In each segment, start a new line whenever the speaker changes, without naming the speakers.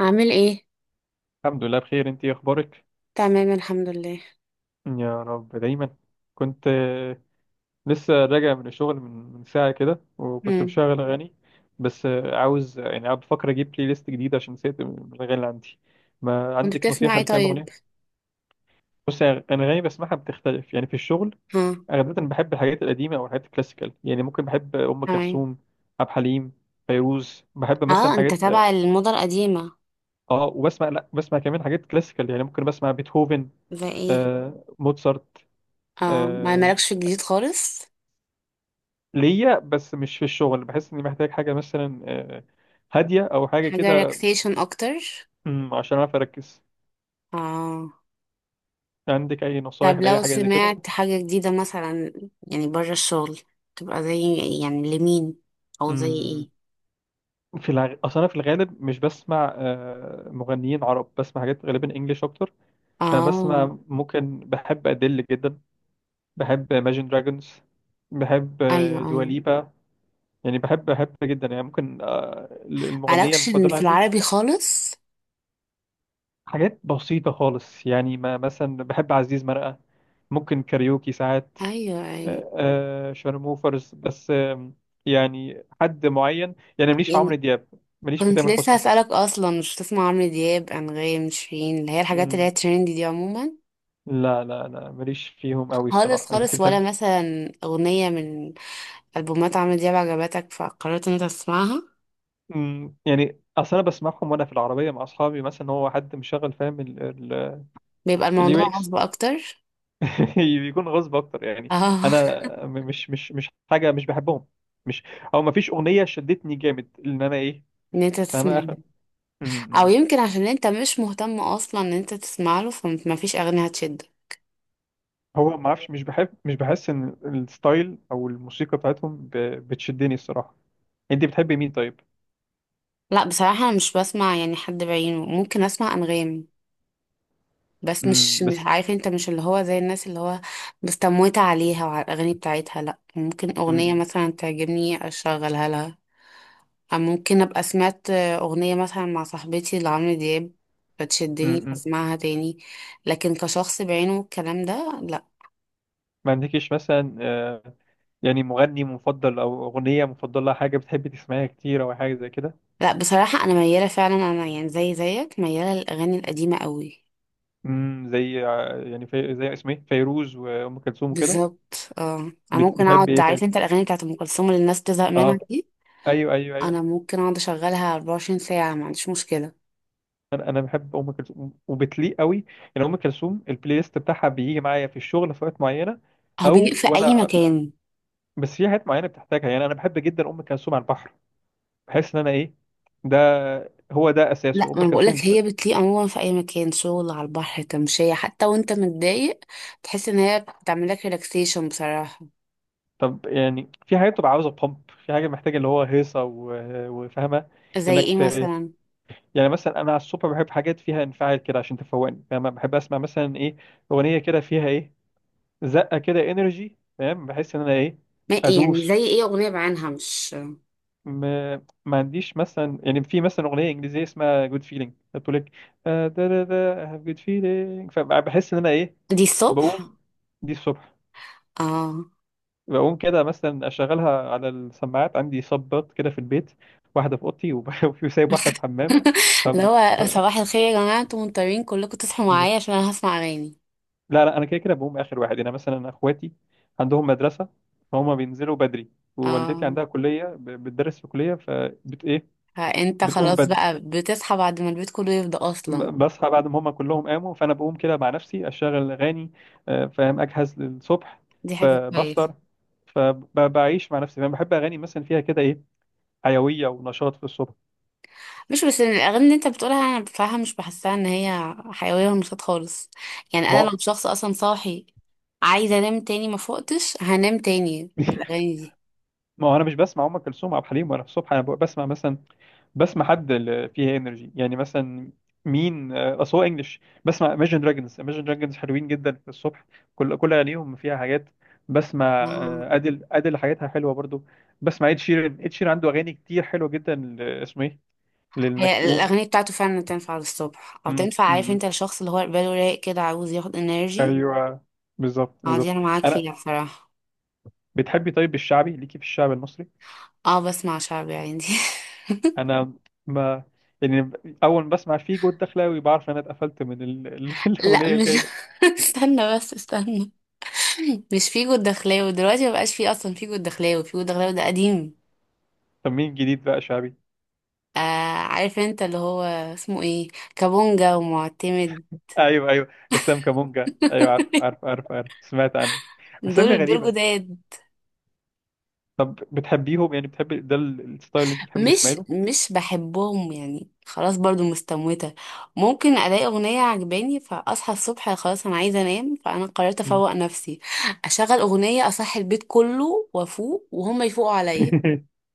عامل ايه؟
الحمد لله بخير، انت ايه اخبارك؟
تمام، الحمد لله.
يا رب دايما. كنت لسه راجع من الشغل من ساعه كده، وكنت
امم.
مشغل اغاني. بس عاوز يعني قاعد بفكر اجيب بلاي ليست جديده عشان نسيت الاغاني اللي عندي. ما
كنت
عندك
بتسمع
نصيحه
ايه
لكام
طيب؟
اغنيه؟ بص، يعني انا اغاني بسمعها بتختلف يعني في الشغل.
ها.
غالبا بحب الحاجات القديمه او الحاجات الكلاسيكال، يعني ممكن بحب ام
تمام.
كلثوم، عبد الحليم، فيروز، بحب مثلا
اه، انت
حاجات.
تابع الموضة القديمة.
اه، وبسمع، لا بسمع كمان حاجات كلاسيكال، يعني ممكن بسمع بيتهوفن،
زي ايه؟
موتسارت.
اه، ما
آه،
مالكش في الجديد خالص.
ليا بس مش في الشغل، بحس اني محتاج حاجه مثلا هاديه او حاجه
حاجة
كده.
ريلاكسيشن اكتر.
عشان اعرف اركز.
اه.
عندك اي نصايح
طب
لاي
لو
حاجه زي كده؟
سمعت حاجة جديدة مثلا، يعني بره الشغل، تبقى زي، يعني لمين او زي
مم،
ايه؟
اصلا في الغالب مش بسمع مغنيين عرب، بسمع حاجات غالبا انجليش اكتر.
اه،
فبسمع ممكن بحب أدل جدا. بحب Imagine Dragons. بحب
ايوه ايوه،
دواليبا، يعني بحب جدا يعني، ممكن المغنية
مالكش
المفضلة
في
عندي،
العربي خالص.
حاجات بسيطة خالص يعني، ما مثلا بحب عزيز مرقة، ممكن كاريوكي ساعات،
ايوه ايوه،
شارموفرز. بس يعني حد معين يعني، ماليش في عمرو
يعني
دياب، ماليش في
كنت
تامر
لسه
حسني.
هسألك أصلا، مش بتسمع عمرو دياب، أنغام، شيرين، اللي هي الحاجات اللي هي
مم.
تريندي دي عموما؟
لا، لا، لا، ماليش فيهم قوي
خالص
الصراحة. انت
خالص. ولا
بتحب؟
مثلا أغنية من ألبومات عمرو دياب عجبتك فقررت إن أنت تسمعها؟
مم. يعني اصل انا بسمعهم وانا في العربية مع اصحابي، مثلا هو حد مشغل، فاهم؟
بيبقى
اليو
الموضوع
اكس.
غصب أكتر.
بيكون غصب اكتر يعني.
اه.
انا، مش حاجة مش بحبهم، مش... او مفيش اغنية شدتني جامد ان انا ايه،
إن أنت
فاهم؟
تسمعها.
م-
أو
م.
يمكن عشان أنت مش مهتم أصلا إن أنت تسمع له، فمفيش أغنية هتشد.
هو ما اعرفش، مش بحس ان الستايل او الموسيقى بتاعتهم بتشدني الصراحه. انت بتحبي مين طيب؟
لا، بصراحة أنا مش بسمع يعني حد بعينه. ممكن أسمع أنغام، بس مش
بس...
عارف انت، مش اللي هو زي الناس اللي هو مستموتة عليها وعلى الأغاني بتاعتها، لأ. ممكن
م-
أغنية
م.
مثلا تعجبني أشغلها لها، أو ممكن أبقى سمعت أغنية مثلا مع صاحبتي لعمرو دياب
م-
فتشدني
م.
فاسمعها تاني. لكن كشخص بعينه والكلام ده، لأ.
ما عندكيش مثلا يعني مغني مفضل او اغنيه مفضله، حاجه بتحبي تسمعيها كتير او حاجه زي كده؟
لأ بصراحة، أنا ميالة فعلا، أنا يعني زي زيك ميالة للأغاني القديمة قوي.
زي يعني زي اسمه ايه فيروز وام كلثوم وكده.
بالظبط. اه، أنا ممكن
بتحبي
أقعد،
ايه
عارف
طيب؟
انت الأغاني بتاعت أم كلثوم اللي الناس تزهق منها
اه،
دي؟
ايوه، ايوه، ايوه،
أنا ممكن أقعد أشغلها 24 ساعة ما عنديش مشكلة.
انا بحب ام كلثوم، وبتليق قوي. يعني ام كلثوم البلاي ليست بتاعها بيجي معايا في الشغل في وقت معينه،
هو بيليق
او
في اي
وانا،
مكان.
بس في حاجات معينه بتحتاجها، يعني انا بحب جدا ام كلثوم على البحر، بحس ان انا ايه، ده، هو ده
لا،
اساسه
ما
ام
انا بقولك
كلثوم.
هي بتليق عموما في اي مكان، شغل، على البحر، تمشية، حتى وانت متضايق تحس ان هي بتعمل لك ريلاكسيشن بصراحة.
طب يعني، في حاجات بتبقى عاوزه بامب، في حاجه محتاجه اللي هو هيصه و- وفاهمه.
زي
انك
ايه
ت...
مثلا؟
يعني مثلا انا على الصبح بحب حاجات فيها انفعال كده عشان تفوقني، فاهمه؟ بحب اسمع مثلا ايه، اغنيه كده فيها ايه، زقه كده، انرجي، فاهم؟ بحس ان انا ايه،
ما إيه يعني،
ادوس.
زي ايه؟ اغنية بعينها مش.
م... ما عنديش مثلا، يعني في مثلا اغنيه انجليزيه اسمها جود فيلينج بتقول لك دا دا دا I have good feeling، فبحس ان انا ايه،
دي الصبح؟
بقوم. دي الصبح.
اه.
بقوم كده مثلا اشغلها على السماعات، عندي صبات كده في البيت، واحده في اوضتي وفي سايب واحده في الحمام. ف
اللي هو صباح الخير يا جماعة، انتوا مضطرين كلكم تصحوا معايا عشان انا هسمع اغاني.
لا، لا، انا كده كده بقوم اخر واحد، انا مثلا اخواتي عندهم مدرسه، فهم بينزلوا بدري، ووالدتي
اه،
عندها كليه، بتدرس في كليه، فبت ايه.
فانت
بتقوم
خلاص
بدري.
بقى بتصحى بعد ما البيت كله يفضى
ب-
اصلا.
بصحى بعد ما هم كلهم قاموا، فانا بقوم كده مع نفسي، اشغل اغاني، فاهم؟ اجهز للصبح،
دي حاجة
ب-
كويسة.
بفطر فبعيش مع نفسي، فاهم؟ بحب اغاني مثلا فيها كده ايه، حيويه ونشاط في الصبح.
مش بس الاغاني اللي انت بتقولها، انا بصراحه مش بحسها ان هي حيويه ونشاط خالص. يعني
ما
انا
هو...
لو شخص اصلا صاحي عايزه انام تاني، ما فقتش هنام تاني بالاغاني دي.
ما هو انا مش بسمع ام كلثوم وعبد الحليم وانا في الصبح، انا ببقى بسمع مثلا، بسمع حد اللي فيه انرجي، يعني مثلا مين، اصل هو انجلش، بسمع Imagine Dragons. Imagine Dragons حلوين جدا في الصبح، كل اغانيهم فيها حاجات. بسمع
اه،
ادل، ادل حاجاتها حلوه برضو. بسمع اد شيران، اد شيران عنده اغاني كتير حلوه جدا، اسمه ايه، لانك
هي
تقوم.
الاغاني بتاعته فعلا تنفع للصبح، او
مم،
تنفع
مم،
عارف
مم.
انت الشخص اللي هو باله رايق كده عاوز ياخد انرجي.
ايوه، بالظبط،
اه، دي
بالظبط.
انا معاك
انا،
فيها بصراحه.
بتحبي طيب الشعبي، ليكي في الشعب المصري؟
اه، بسمع شعبي عندي.
انا، ما، يعني، اول ما بسمع فيجو الدخلاوي، بعرف انا اتقفلت من
لا،
الاغنيه
مش.
الجايه.
استنى بس استنى، مش فيجو الدخلاوي دلوقتي. مبقاش فيه اصلا فيجو الدخلاوي. فيجو الدخلاوي ده قديم.
طب مين جديد بقى شعبي؟
آه، عارف انت اللي هو اسمه ايه، كابونجا ومعتمد.
ايوه، ايوه، اسلام كامونجا، ايوه، عارف، عارف، عارف، عارف، سمعت عنه. اسامي
دول دول
غريبه.
جداد.
طب بتحبيهم يعني؟ بتحبي ده، ال- الستايل اللي انت بتحبي تسمعي
مش
له؟
مش بحبهم يعني، خلاص، برضو مستموتة. ممكن الاقي اغنية عجباني فاصحى الصبح، خلاص انا عايزة انام، فانا قررت
مم.
افوق نفسي. اشغل اغنية، اصحي البيت كله وافوق وهم يفوقوا عليا.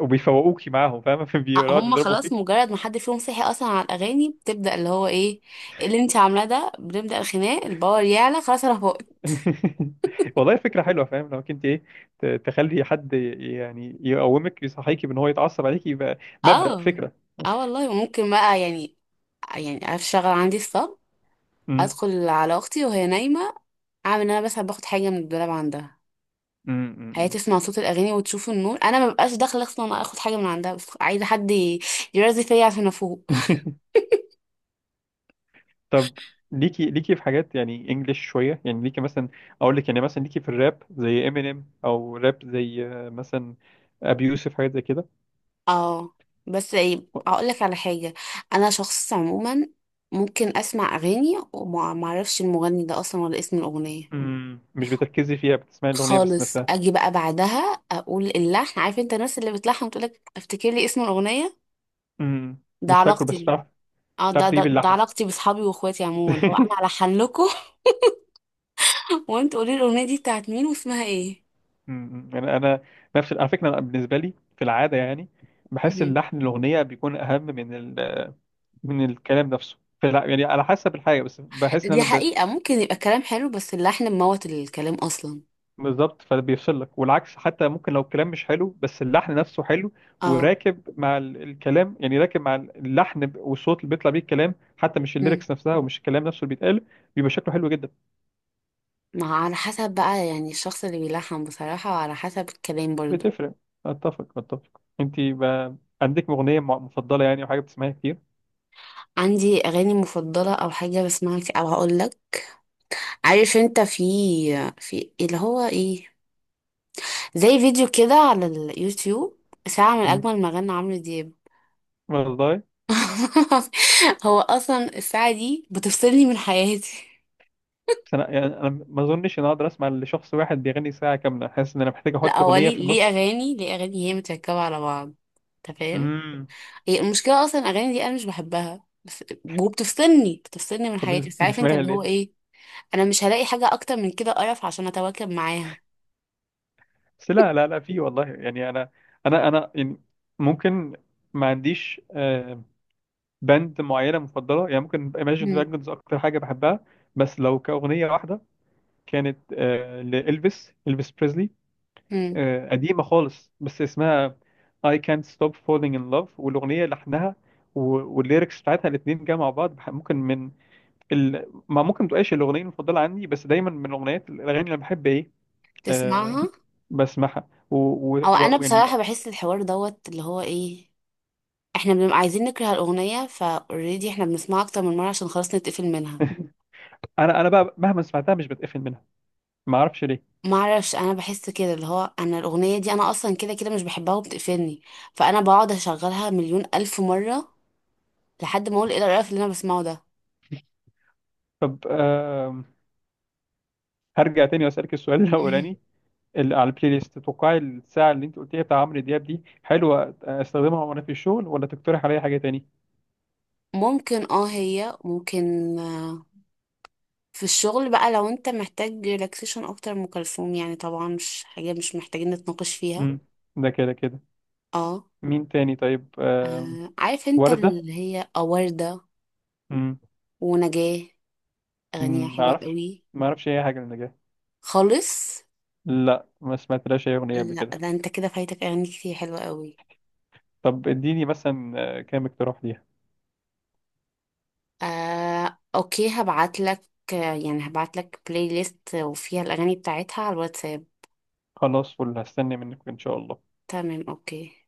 وبيفوقوكي معاهم، فاهمه؟ بيقعدوا
هم
يضربوا
خلاص
فيك.
مجرد ما حد فيهم صحي اصلا على الاغاني بتبدأ، اللي هو ايه، إيه اللي انت عاملاه ده. بنبدأ الخناق، الباور يعلى، خلاص انا فوقت.
والله فكره حلوه، فاهم؟ لو كنت ايه، تخلي حد يعني يقومك، يصحيكي بان هو يتعصب عليكي، يبقى مبدأ
اه.
فكره.
اه والله. وممكن بقى يعني اشتغل عندي الصبح، ادخل على اختي وهي نايمه، اعمل ان انا بس باخد حاجه من الدولاب عندها. هي
امم.
تسمع صوت الاغاني وتشوف النور، انا مبقاش داخله اصلا، انا اخد حاجه من عندها بس عايزه حد يرازي فيا عشان افوق.
طب ليكي في حاجات يعني انجلش شويه، يعني ليكي مثلا، اقول لك يعني مثلا ليكي في الراب زي امينيم او راب زي مثلا ابي يوسف، حاجات زي كده؟
اه، بس ايه، هقول لك على حاجه. انا شخص عموما ممكن اسمع اغاني وما ما اعرفش المغني ده اصلا ولا اسم الاغنيه
امم. مش بتركزي فيها، بتسمعي الاغنيه بس
خالص.
نفسها؟
اجي بقى بعدها اقول اللحن، عارف انت الناس اللي بتلحن وتقولك افتكر لي اسم الاغنيه؟
امم.
ده
مش فاكره بس
علاقتي.
بتعرف،
اه،
بتعرف
ده ده,
تجيب
ده
اللحن؟
علاقتي باصحابي واخواتي عموما، لو انا الحن لكم وانتوا قولي لي الاغنيه دي بتاعت مين واسمها ايه.
انا نفس على فكره، أنا بالنسبه لي في العاده يعني، بحس
مم.
اللحن الاغنيه بيكون اهم من ال... آه، من الكلام نفسه. فلا يعني على حسب الحاجه، بس بحس ان
دي
انا،
حقيقه، ممكن يبقى الكلام حلو بس اللحن مموت الكلام اصلا.
بالظبط، فبيفصلك، والعكس حتى ممكن لو الكلام مش حلو بس اللحن نفسه حلو،
اه.
وراكب مع ال- الكلام، يعني راكب مع اللحن، والصوت اللي بيطلع بيه الكلام حتى، مش
مم.
الليركس نفسها ومش الكلام نفسه اللي بيتقال، بيبقى شكله حلو جدا.
ما على حسب بقى، يعني الشخص اللي بيلحن بصراحه، وعلى حسب الكلام برضو.
بتفرق. اتفق، اتفق. انت بقى عندك اغنيه مفضله يعني، او حاجه بتسمعيها كتير؟
عندي اغاني مفضله او حاجه بسمعها كتير- او هقول لك، عارف انت، في اللي هو ايه، زي فيديو كده على اليوتيوب، ساعة من
مم.
أجمل مغنى عمرو دياب.
والله.
هو أصلا الساعة دي بتفصلني من حياتي.
بس انا يعني انا ما اظنش ان أنا اقدر اسمع لشخص واحد بيغني ساعه كامله، حاسس ان انا محتاج
لا
احط
هو
اغنيه
ليه
في
ليه
النص.
أغاني، ليه أغاني؟ هي متركبة على بعض، أنت فاهم.
امم.
هي المشكلة أصلا الأغاني دي أنا مش بحبها بس، وبتفصلني بتفصلني من حياتي،
طب
بس عارف أنت
بتسمعيها
اللي هو
ليه؟
إيه، أنا مش هلاقي حاجة أكتر من كده قرف عشان أتواكب معاها.
بس لا، لا، لا، في والله يعني، انا، انا يعني، ممكن، ما عنديش باند معينه مفضله يعني، ممكن Imagine
مم.
Dragons اكتر حاجه بحبها. بس لو كاغنيه واحده، كانت لإلفيس، إلفيس بريزلي،
مم.
قديمه خالص بس اسمها I Can't Stop Falling in Love، والاغنيه لحنها و- والليركس بتاعتها الاثنين جاء مع بعض، ممكن من ما ممكن تبقاش الاغنيه المفضله عندي، بس دايما من الاغاني اللي أنا بحب ايه، آه،
تسمعها.
بسمعها
أو أنا
ويعني
بصراحة بحس الحوار دوت اللي هو إيه، احنا بنبقى عايزين نكره الاغنيه فاوريدي، احنا بنسمعها اكتر من مره عشان خلاص نتقفل منها.
انا بقى مهما سمعتها مش بتقفل منها، ما اعرفش ليه.
ما اعرفش، انا بحس كده اللي هو انا الاغنيه دي انا اصلا كده كده مش بحبها وبتقفلني، فانا بقعد اشغلها مليون الف مره لحد ما اقول ايه القرف اللي انا بسمعه ده.
طب هرجع تاني واسالك السؤال الاولاني، اللي على البلاي ليست، تتوقعي الساعه اللي انت قلتيها بتاع عمرو دياب دي حلوه استخدمها وانا في الشغل، ولا تقترح عليا حاجه تاني؟
ممكن اه، هي ممكن. آه، في الشغل بقى، لو انت محتاج ريلاكسيشن اكتر من ام كلثوم، يعني طبعا مش حاجه مش محتاجين نتناقش فيها.
امم، ده كده كده.
اه.
مين تاني طيب؟
عارف انت
وردة.
اللي هي وردة
امم،
ونجاة. اغانيها
ما
حلوه
اعرفش،
قوي.
ما اعرفش اي حاجه للنجاة.
خالص.
لا، ما سمعتلاش اي اغنيه قبل
لا،
كده.
ده انت كده فايتك اغاني كتير حلوة قوي.
طب اديني مثلا كام اقتراح ليها.
اوكي، هبعت لك، يعني هبعت لك بلاي ليست وفيها الاغاني بتاعتها على الواتساب.
خلاص، فل هستنى منك ان شاء الله.
تمام، اوكي.